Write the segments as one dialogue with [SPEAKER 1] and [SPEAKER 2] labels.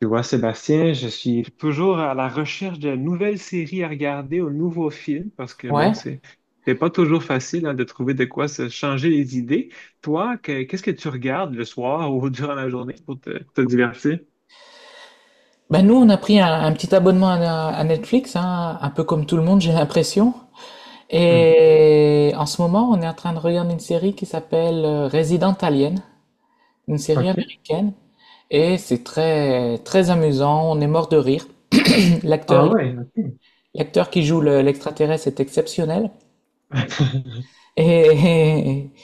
[SPEAKER 1] Tu vois, Sébastien, je suis toujours à la recherche de nouvelles séries à regarder, ou de nouveaux films, parce que bon,
[SPEAKER 2] Ouais.
[SPEAKER 1] c'est pas toujours facile hein, de trouver de quoi se changer les idées. Toi, qu'est-ce que tu regardes le soir ou durant la journée pour te divertir?
[SPEAKER 2] Bah nous, on a pris un petit abonnement à Netflix, hein, un peu comme tout le monde, j'ai l'impression.
[SPEAKER 1] Hmm.
[SPEAKER 2] Et en ce moment, on est en train de regarder une série qui s'appelle Resident Alien, une série
[SPEAKER 1] OK.
[SPEAKER 2] américaine. Et c'est très, très amusant, on est mort de rire.
[SPEAKER 1] Ah
[SPEAKER 2] L'acteur,
[SPEAKER 1] ouais, OK.
[SPEAKER 2] L'acteur qui joue l'extraterrestre est exceptionnel. Et,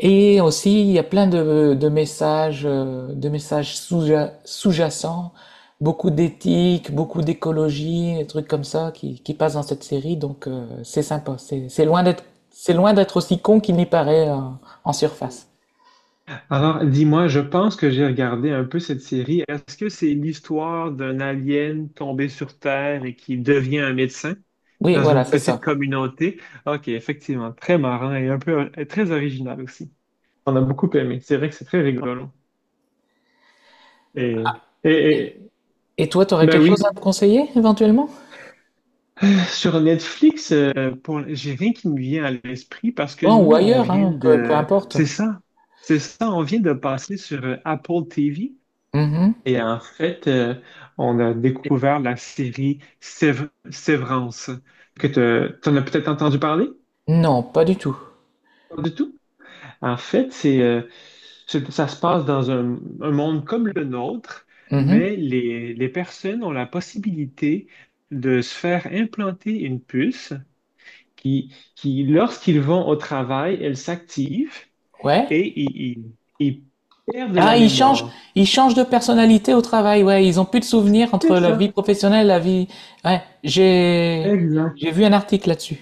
[SPEAKER 2] Et aussi, il y a plein de messages sous-jacents, beaucoup d'éthique, beaucoup d'écologie, des trucs comme ça qui passent dans cette série. Donc, c'est sympa. C'est loin c'est loin d'être aussi con qu'il n'y paraît en surface.
[SPEAKER 1] Alors, dis-moi, je pense que j'ai regardé un peu cette série. Est-ce que c'est l'histoire d'un alien tombé sur Terre et qui devient un médecin
[SPEAKER 2] Oui,
[SPEAKER 1] dans
[SPEAKER 2] voilà,
[SPEAKER 1] une
[SPEAKER 2] c'est
[SPEAKER 1] petite
[SPEAKER 2] ça.
[SPEAKER 1] communauté? Ok, effectivement, très marrant et un peu et très original aussi. On a beaucoup aimé. C'est vrai que c'est très rigolo. Et, et, et-
[SPEAKER 2] Et toi, t'aurais
[SPEAKER 1] ben
[SPEAKER 2] quelque
[SPEAKER 1] oui,
[SPEAKER 2] chose à me conseiller éventuellement?
[SPEAKER 1] sur Netflix, j'ai rien qui me vient à l'esprit parce que
[SPEAKER 2] Non, ou
[SPEAKER 1] nous, on
[SPEAKER 2] ailleurs,
[SPEAKER 1] vient
[SPEAKER 2] hein, peu, peu
[SPEAKER 1] de,
[SPEAKER 2] importe.
[SPEAKER 1] c'est ça, on vient de passer sur Apple TV.
[SPEAKER 2] Mhm.
[SPEAKER 1] Et en fait, on a découvert la série Sévrance, que tu en as peut-être entendu parler?
[SPEAKER 2] Non, pas du tout.
[SPEAKER 1] Pas du tout. En fait, ça se passe dans un monde comme le nôtre,
[SPEAKER 2] Mhm.
[SPEAKER 1] mais les personnes ont la possibilité de se faire implanter une puce qui lorsqu'ils vont au travail, elle s'active
[SPEAKER 2] Ouais.
[SPEAKER 1] et ils perdent la
[SPEAKER 2] Ah,
[SPEAKER 1] mémoire.
[SPEAKER 2] ils changent de personnalité au travail, ouais. Ils ont plus de souvenirs entre
[SPEAKER 1] C'est
[SPEAKER 2] la
[SPEAKER 1] ça,
[SPEAKER 2] vie professionnelle et la vie. Ouais,
[SPEAKER 1] exact.
[SPEAKER 2] j'ai vu un article là-dessus.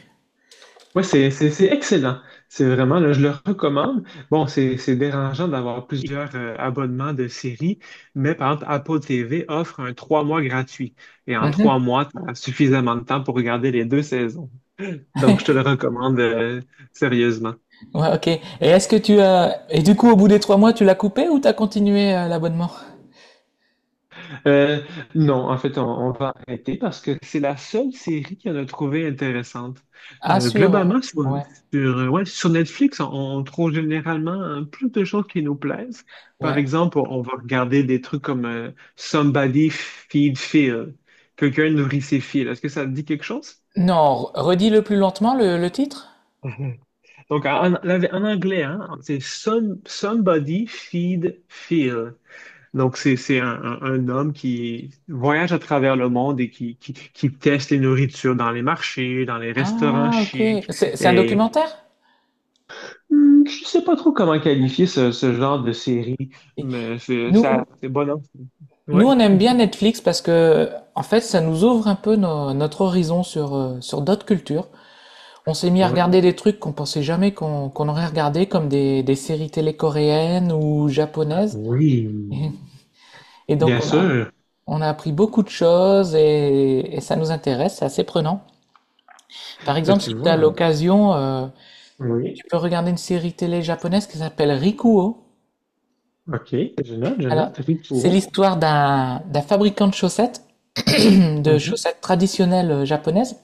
[SPEAKER 1] Ouais, c'est excellent. C'est vraiment, là, je le recommande. Bon, c'est dérangeant d'avoir plusieurs abonnements de séries, mais par exemple, Apple TV offre un trois mois gratuit. Et en trois mois, tu as suffisamment de temps pour regarder les deux saisons. Donc, je te le recommande sérieusement.
[SPEAKER 2] Ouais, ok. Et est-ce que tu as et du coup au bout des 3 mois tu l'as coupé ou t'as continué l'abonnement?
[SPEAKER 1] Euh, non, en fait, on va arrêter parce que c'est la seule série qu'on a trouvée intéressante.
[SPEAKER 2] Ah
[SPEAKER 1] Euh,
[SPEAKER 2] sûr,
[SPEAKER 1] globalement, sur,
[SPEAKER 2] ouais,
[SPEAKER 1] ouais, sur Netflix, on trouve généralement plus de choses qui nous plaisent. Par
[SPEAKER 2] ouais.
[SPEAKER 1] exemple, on va regarder des trucs comme Somebody Feed Phil. Quelqu'un nourrit ses fils. Est-ce que ça te dit quelque chose?
[SPEAKER 2] Non, redis-le plus lentement le titre.
[SPEAKER 1] Mhm. Donc, en anglais, hein, Somebody Feed Phil. Donc, un homme qui voyage à travers le monde et qui teste les nourritures dans les marchés, dans les restaurants
[SPEAKER 2] Ah ok.
[SPEAKER 1] chics.
[SPEAKER 2] C'est un
[SPEAKER 1] Et
[SPEAKER 2] documentaire?
[SPEAKER 1] hmm, je sais pas trop comment qualifier ce genre de série,
[SPEAKER 2] Et
[SPEAKER 1] mais c'est ça,
[SPEAKER 2] Nous
[SPEAKER 1] c'est bon, hein?
[SPEAKER 2] nous
[SPEAKER 1] Ouais.
[SPEAKER 2] on aime
[SPEAKER 1] Mhm.
[SPEAKER 2] bien Netflix parce que en fait ça nous ouvre un peu notre horizon sur sur d'autres cultures. On s'est mis à
[SPEAKER 1] Ouais.
[SPEAKER 2] regarder des trucs qu'on pensait jamais qu'on aurait regardé, comme des séries télé coréennes ou japonaises. Et,
[SPEAKER 1] Oui,
[SPEAKER 2] et donc
[SPEAKER 1] bien sûr.
[SPEAKER 2] on a appris beaucoup de choses et ça nous intéresse, c'est assez prenant. Par
[SPEAKER 1] Ben,
[SPEAKER 2] exemple, si
[SPEAKER 1] tu
[SPEAKER 2] tu as
[SPEAKER 1] vois, hein.
[SPEAKER 2] l'occasion,
[SPEAKER 1] Oui.
[SPEAKER 2] tu peux regarder une série télé japonaise qui s'appelle Rikuo.
[SPEAKER 1] OK. Je note, je
[SPEAKER 2] Alors,
[SPEAKER 1] note.
[SPEAKER 2] c'est
[SPEAKER 1] Ritsuo.
[SPEAKER 2] l'histoire d'un fabricant de chaussettes, de
[SPEAKER 1] Mhm,
[SPEAKER 2] chaussettes traditionnelles japonaises.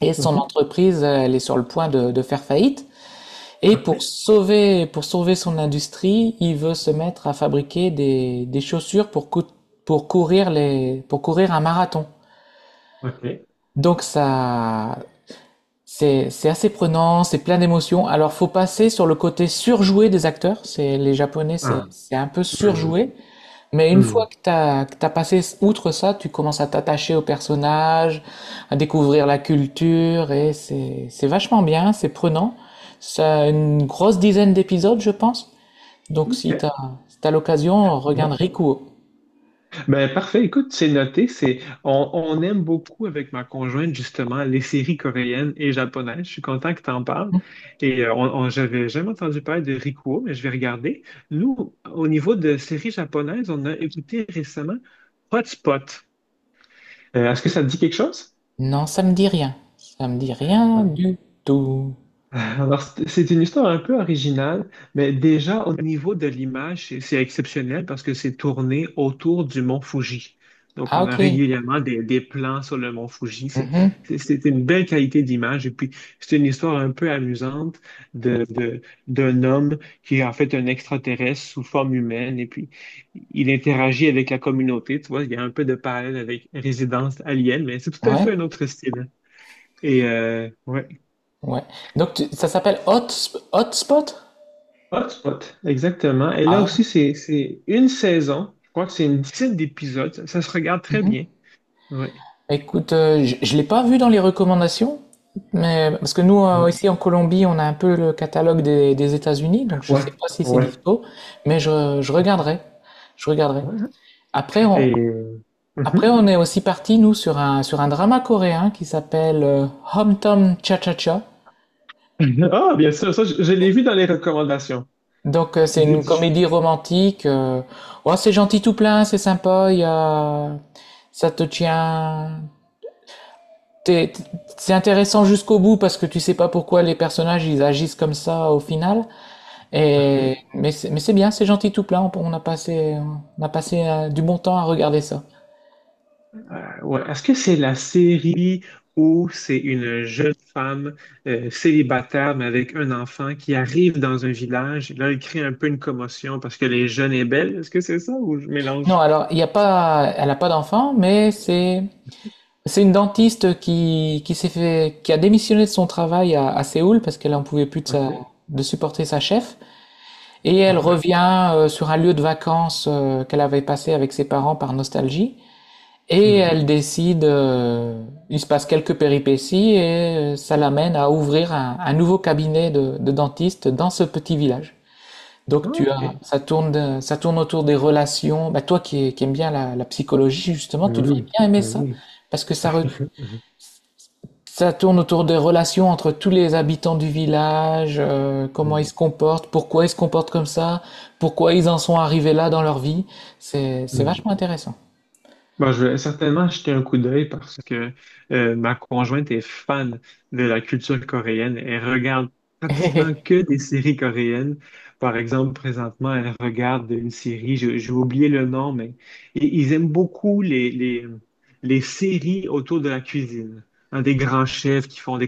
[SPEAKER 2] Et son
[SPEAKER 1] mhm.
[SPEAKER 2] entreprise, elle est sur le point de faire faillite. Et
[SPEAKER 1] OK.
[SPEAKER 2] pour sauver son industrie, il veut se mettre à fabriquer des chaussures pour courir pour courir un marathon.
[SPEAKER 1] OK.
[SPEAKER 2] Donc ça, c'est assez prenant, c'est plein d'émotions. Alors faut passer sur le côté surjoué des acteurs. C'est les Japonais, c'est
[SPEAKER 1] Ah.
[SPEAKER 2] c'est un peu
[SPEAKER 1] Hmm,
[SPEAKER 2] surjoué. Mais une
[SPEAKER 1] hmm.
[SPEAKER 2] fois que t'as passé outre ça, tu commences à t'attacher au personnage, à découvrir la culture et c'est vachement bien, c'est prenant. Ça a une grosse dizaine d'épisodes, je pense. Donc
[SPEAKER 1] OK.
[SPEAKER 2] si t'as l'occasion,
[SPEAKER 1] Ouais.
[SPEAKER 2] regarde Rikuo.
[SPEAKER 1] Ben, parfait. Écoute, c'est noté. C'est, on aime beaucoup avec ma conjointe, justement, les séries coréennes et japonaises. Je suis content que tu en parles. Et j'avais jamais entendu parler de Rikuo, mais je vais regarder. Nous, au niveau de séries japonaises, on a écouté récemment Hotspot. Est-ce que ça te dit quelque chose?
[SPEAKER 2] Non, ça me dit rien. Ça me dit rien du tout.
[SPEAKER 1] Alors, c'est une histoire un peu originale, mais déjà au niveau de l'image, c'est exceptionnel parce que c'est tourné autour du mont Fuji. Donc,
[SPEAKER 2] Ah
[SPEAKER 1] on a
[SPEAKER 2] ok.
[SPEAKER 1] régulièrement des plans sur le mont Fuji.
[SPEAKER 2] Mhm.
[SPEAKER 1] C'est une belle qualité d'image. Et puis, c'est une histoire un peu amusante de, de- d'un homme qui est en fait un extraterrestre sous forme humaine. Et puis, il interagit avec la communauté. Tu vois, il y a un peu de parallèle avec Résidence Alien, mais c'est tout à
[SPEAKER 2] Ouais.
[SPEAKER 1] fait un autre style. Et ouais.
[SPEAKER 2] Ouais. Donc ça s'appelle Hot, Hotspot?
[SPEAKER 1] Hotspot, exactement. Et là aussi,
[SPEAKER 2] Ah,
[SPEAKER 1] c'est une saison. Je crois que c'est une dizaine d'épisodes. Ça se regarde très bien. Ouais.
[SPEAKER 2] écoute, je l'ai pas vu dans les recommandations, mais parce que nous
[SPEAKER 1] Ouais.
[SPEAKER 2] ici en Colombie, on a un peu le catalogue des États-Unis, donc je
[SPEAKER 1] Ouais.
[SPEAKER 2] sais pas si c'est
[SPEAKER 1] Ouais.
[SPEAKER 2] dispo, mais je regarderai, je regarderai.
[SPEAKER 1] Ouais.
[SPEAKER 2] Après on,
[SPEAKER 1] Et...
[SPEAKER 2] après
[SPEAKER 1] mhm.
[SPEAKER 2] on est aussi parti nous sur un drama coréen qui s'appelle Hom Tom Cha Cha Cha.
[SPEAKER 1] Ah, bien sûr, ça, je l'ai vu dans les recommandations.
[SPEAKER 2] Donc c'est
[SPEAKER 1] D-
[SPEAKER 2] une
[SPEAKER 1] je-
[SPEAKER 2] comédie romantique. Ouais, c'est gentil tout plein, c'est sympa. Il y a ça te tient t'es- C'est intéressant jusqu'au bout parce que tu sais pas pourquoi les personnages ils agissent comme ça au final. Et
[SPEAKER 1] OK.
[SPEAKER 2] mais c'est mais c'est bien, c'est gentil tout plein. On a passé du bon temps à regarder ça.
[SPEAKER 1] Ouais. Est-ce que c'est la série où c'est une jeune femme célibataire, mais avec un enfant, qui arrive dans un village et là, elle crée un peu une commotion parce que les jeunes est belle? Est-ce que c'est ça ou je
[SPEAKER 2] Non,
[SPEAKER 1] mélange?
[SPEAKER 2] alors il y a pas, elle a pas d'enfant, mais c'est une dentiste qui s'est fait qui a démissionné de son travail à Séoul parce qu'elle en pouvait plus
[SPEAKER 1] OK.
[SPEAKER 2] de supporter sa chef et elle revient sur un lieu de vacances qu'elle avait passé avec ses parents par nostalgie. Et
[SPEAKER 1] Mhm.
[SPEAKER 2] elle décide, il se passe quelques péripéties et ça l'amène à ouvrir un nouveau cabinet de dentiste dans ce petit village.
[SPEAKER 1] Ah,
[SPEAKER 2] Donc tu as,
[SPEAKER 1] Ok.
[SPEAKER 2] ça tourne autour des relations. Bah, toi qui aimes bien la, la psychologie justement,
[SPEAKER 1] Ben
[SPEAKER 2] tu devrais
[SPEAKER 1] oui,
[SPEAKER 2] bien aimer
[SPEAKER 1] ben
[SPEAKER 2] ça
[SPEAKER 1] oui.
[SPEAKER 2] parce que ça tourne autour des relations entre tous les habitants du village, comment ils se comportent, pourquoi ils se comportent comme ça, pourquoi ils en sont arrivés là dans leur vie. C'est
[SPEAKER 1] Hmm.
[SPEAKER 2] vachement intéressant.
[SPEAKER 1] Bon, je vais certainement jeter un coup d'œil parce que ma conjointe est fan de la culture coréenne. Elle regarde pratiquement que des séries coréennes. Par exemple, présentement, elle regarde une série, j'ai oublié le nom, mais ils aiment beaucoup les séries autour de la cuisine. Hein, des grands chefs qui font des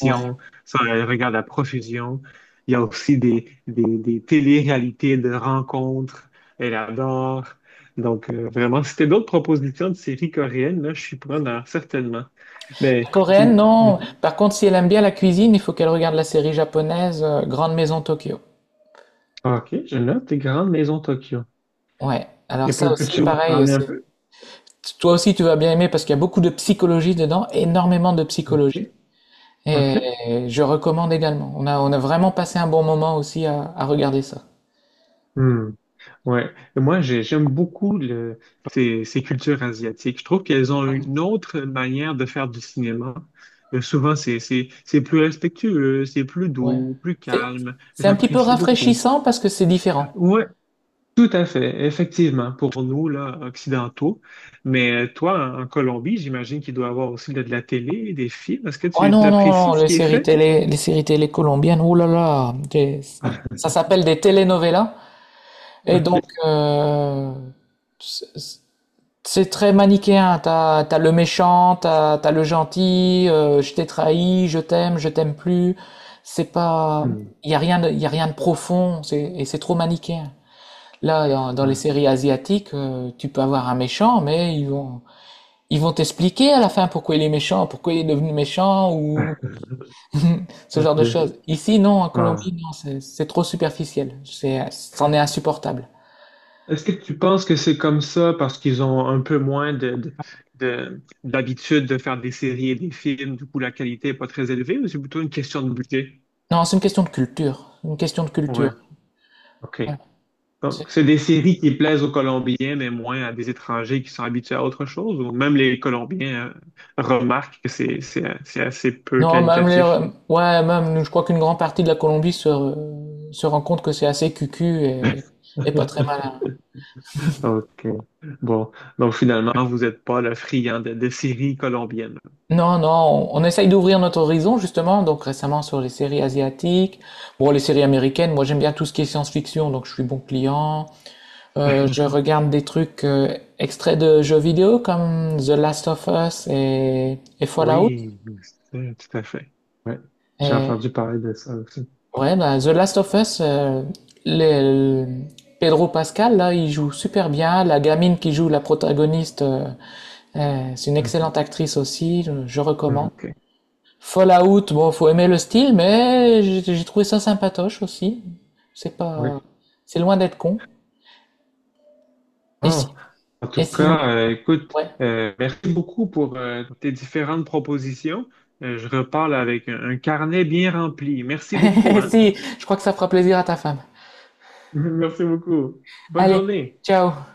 [SPEAKER 2] Ouais.
[SPEAKER 1] ça, elle regarde à profusion. Il y a aussi des, des télé-réalités de rencontres, elle adore. Donc, vraiment, si t'as d'autres propositions de séries coréennes, là, je suis preneur, certainement. Mais,
[SPEAKER 2] Coréenne,
[SPEAKER 1] et-
[SPEAKER 2] non. Par contre, si elle aime bien la cuisine, il faut qu'elle regarde la série japonaise Grande Maison Tokyo.
[SPEAKER 1] OK, je note tes grandes maisons Tokyo.
[SPEAKER 2] Ouais. Alors
[SPEAKER 1] Et
[SPEAKER 2] ça aussi,
[SPEAKER 1] peux-tu m'en
[SPEAKER 2] pareil,
[SPEAKER 1] parler un
[SPEAKER 2] c'est...
[SPEAKER 1] peu?
[SPEAKER 2] toi aussi tu vas bien aimer parce qu'il y a beaucoup de psychologie dedans, énormément de psychologie.
[SPEAKER 1] Oui.
[SPEAKER 2] Et
[SPEAKER 1] OK.
[SPEAKER 2] je recommande également. On a vraiment passé un bon moment aussi à regarder ça.
[SPEAKER 1] Hmm. Ouais. Et moi, j'aime beaucoup ces cultures asiatiques. Je trouve qu'elles ont une autre manière de faire du cinéma. Souvent, c'est plus respectueux, c'est plus
[SPEAKER 2] Ouais.
[SPEAKER 1] doux, plus
[SPEAKER 2] C'est,
[SPEAKER 1] calme.
[SPEAKER 2] c'est un petit peu
[SPEAKER 1] J'apprécie beaucoup.
[SPEAKER 2] rafraîchissant parce que c'est différent.
[SPEAKER 1] Ouais, tout à fait, effectivement, pour nous, là, occidentaux. Mais toi, en Colombie, j'imagine qu'il doit y avoir aussi de la télé, des films. Est-ce que
[SPEAKER 2] Oh
[SPEAKER 1] tu
[SPEAKER 2] non, non, non,
[SPEAKER 1] t'apprécies ce qui est fait?
[SPEAKER 2] les séries télé colombiennes, oh là là, ça s'appelle des telenovelas. Et donc,
[SPEAKER 1] OK.
[SPEAKER 2] c'est c'est très manichéen. T'as, t'as le méchant, t'as, t'as le gentil, je t'ai trahi, je t'aime plus. C'est pas,
[SPEAKER 1] Hmm.
[SPEAKER 2] il y a rien de, y a rien de profond, et c'est trop manichéen. Là, dans, dans les
[SPEAKER 1] Ah.
[SPEAKER 2] séries asiatiques, tu peux avoir un méchant, mais ils vont t'expliquer à la fin pourquoi il est méchant, pourquoi il est devenu méchant, ou ce genre
[SPEAKER 1] Ok.
[SPEAKER 2] de choses. Ici, non, en
[SPEAKER 1] Ah.
[SPEAKER 2] Colombie, non, c'est trop superficiel. C'en est insupportable.
[SPEAKER 1] Est-ce que tu penses que c'est comme ça parce qu'ils ont un peu moins d'habitude de faire des séries et des films, du coup la qualité n'est pas très élevée, ou c'est plutôt une question de budget?
[SPEAKER 2] Non, c'est une question de culture. Une question de
[SPEAKER 1] Ouais,
[SPEAKER 2] culture.
[SPEAKER 1] OK.
[SPEAKER 2] Ouais. C'est-
[SPEAKER 1] Donc, c'est des séries qui plaisent aux Colombiens, mais moins à des étrangers qui sont habitués à autre chose, ou même les Colombiens remarquent que c'est assez peu
[SPEAKER 2] Non, même les...
[SPEAKER 1] qualitatif.
[SPEAKER 2] ouais, même, nous, je crois qu'une grande partie de la Colombie se rend compte que c'est assez cucu et pas très malin.
[SPEAKER 1] OK. Bon. Donc, finalement, vous n'êtes pas le friand de séries colombiennes.
[SPEAKER 2] Non, non, on essaye d'ouvrir notre horizon, justement, donc récemment sur les séries asiatiques. Bon, les séries américaines, moi j'aime bien tout ce qui est science-fiction, donc je suis bon client. Je regarde des trucs extraits de jeux vidéo comme The Last of Us et Fallout.
[SPEAKER 1] Oui, tout à fait. Ouais. J'ai
[SPEAKER 2] Et
[SPEAKER 1] entendu parler de ça aussi.
[SPEAKER 2] ouais, bah, The Last of Us, le- le- Pedro Pascal, là, il joue super bien. La gamine qui joue la protagoniste, c'est une
[SPEAKER 1] Mm.
[SPEAKER 2] excellente actrice aussi, je recommande.
[SPEAKER 1] OK.
[SPEAKER 2] Fallout, bon, faut aimer le style, mais j'ai trouvé ça sympatoche aussi. C'est pas,
[SPEAKER 1] Oui.
[SPEAKER 2] c'est loin d'être con. Et
[SPEAKER 1] Bon,
[SPEAKER 2] si,
[SPEAKER 1] en
[SPEAKER 2] et
[SPEAKER 1] tout
[SPEAKER 2] si,
[SPEAKER 1] cas, écoute,
[SPEAKER 2] ouais.
[SPEAKER 1] merci beaucoup pour tes différentes propositions. Je reparle avec un carnet bien rempli. Merci beaucoup,
[SPEAKER 2] Et
[SPEAKER 1] hein?
[SPEAKER 2] si, je crois que ça fera plaisir à ta femme.
[SPEAKER 1] Merci beaucoup. Bonne
[SPEAKER 2] Allez,
[SPEAKER 1] journée.
[SPEAKER 2] ciao.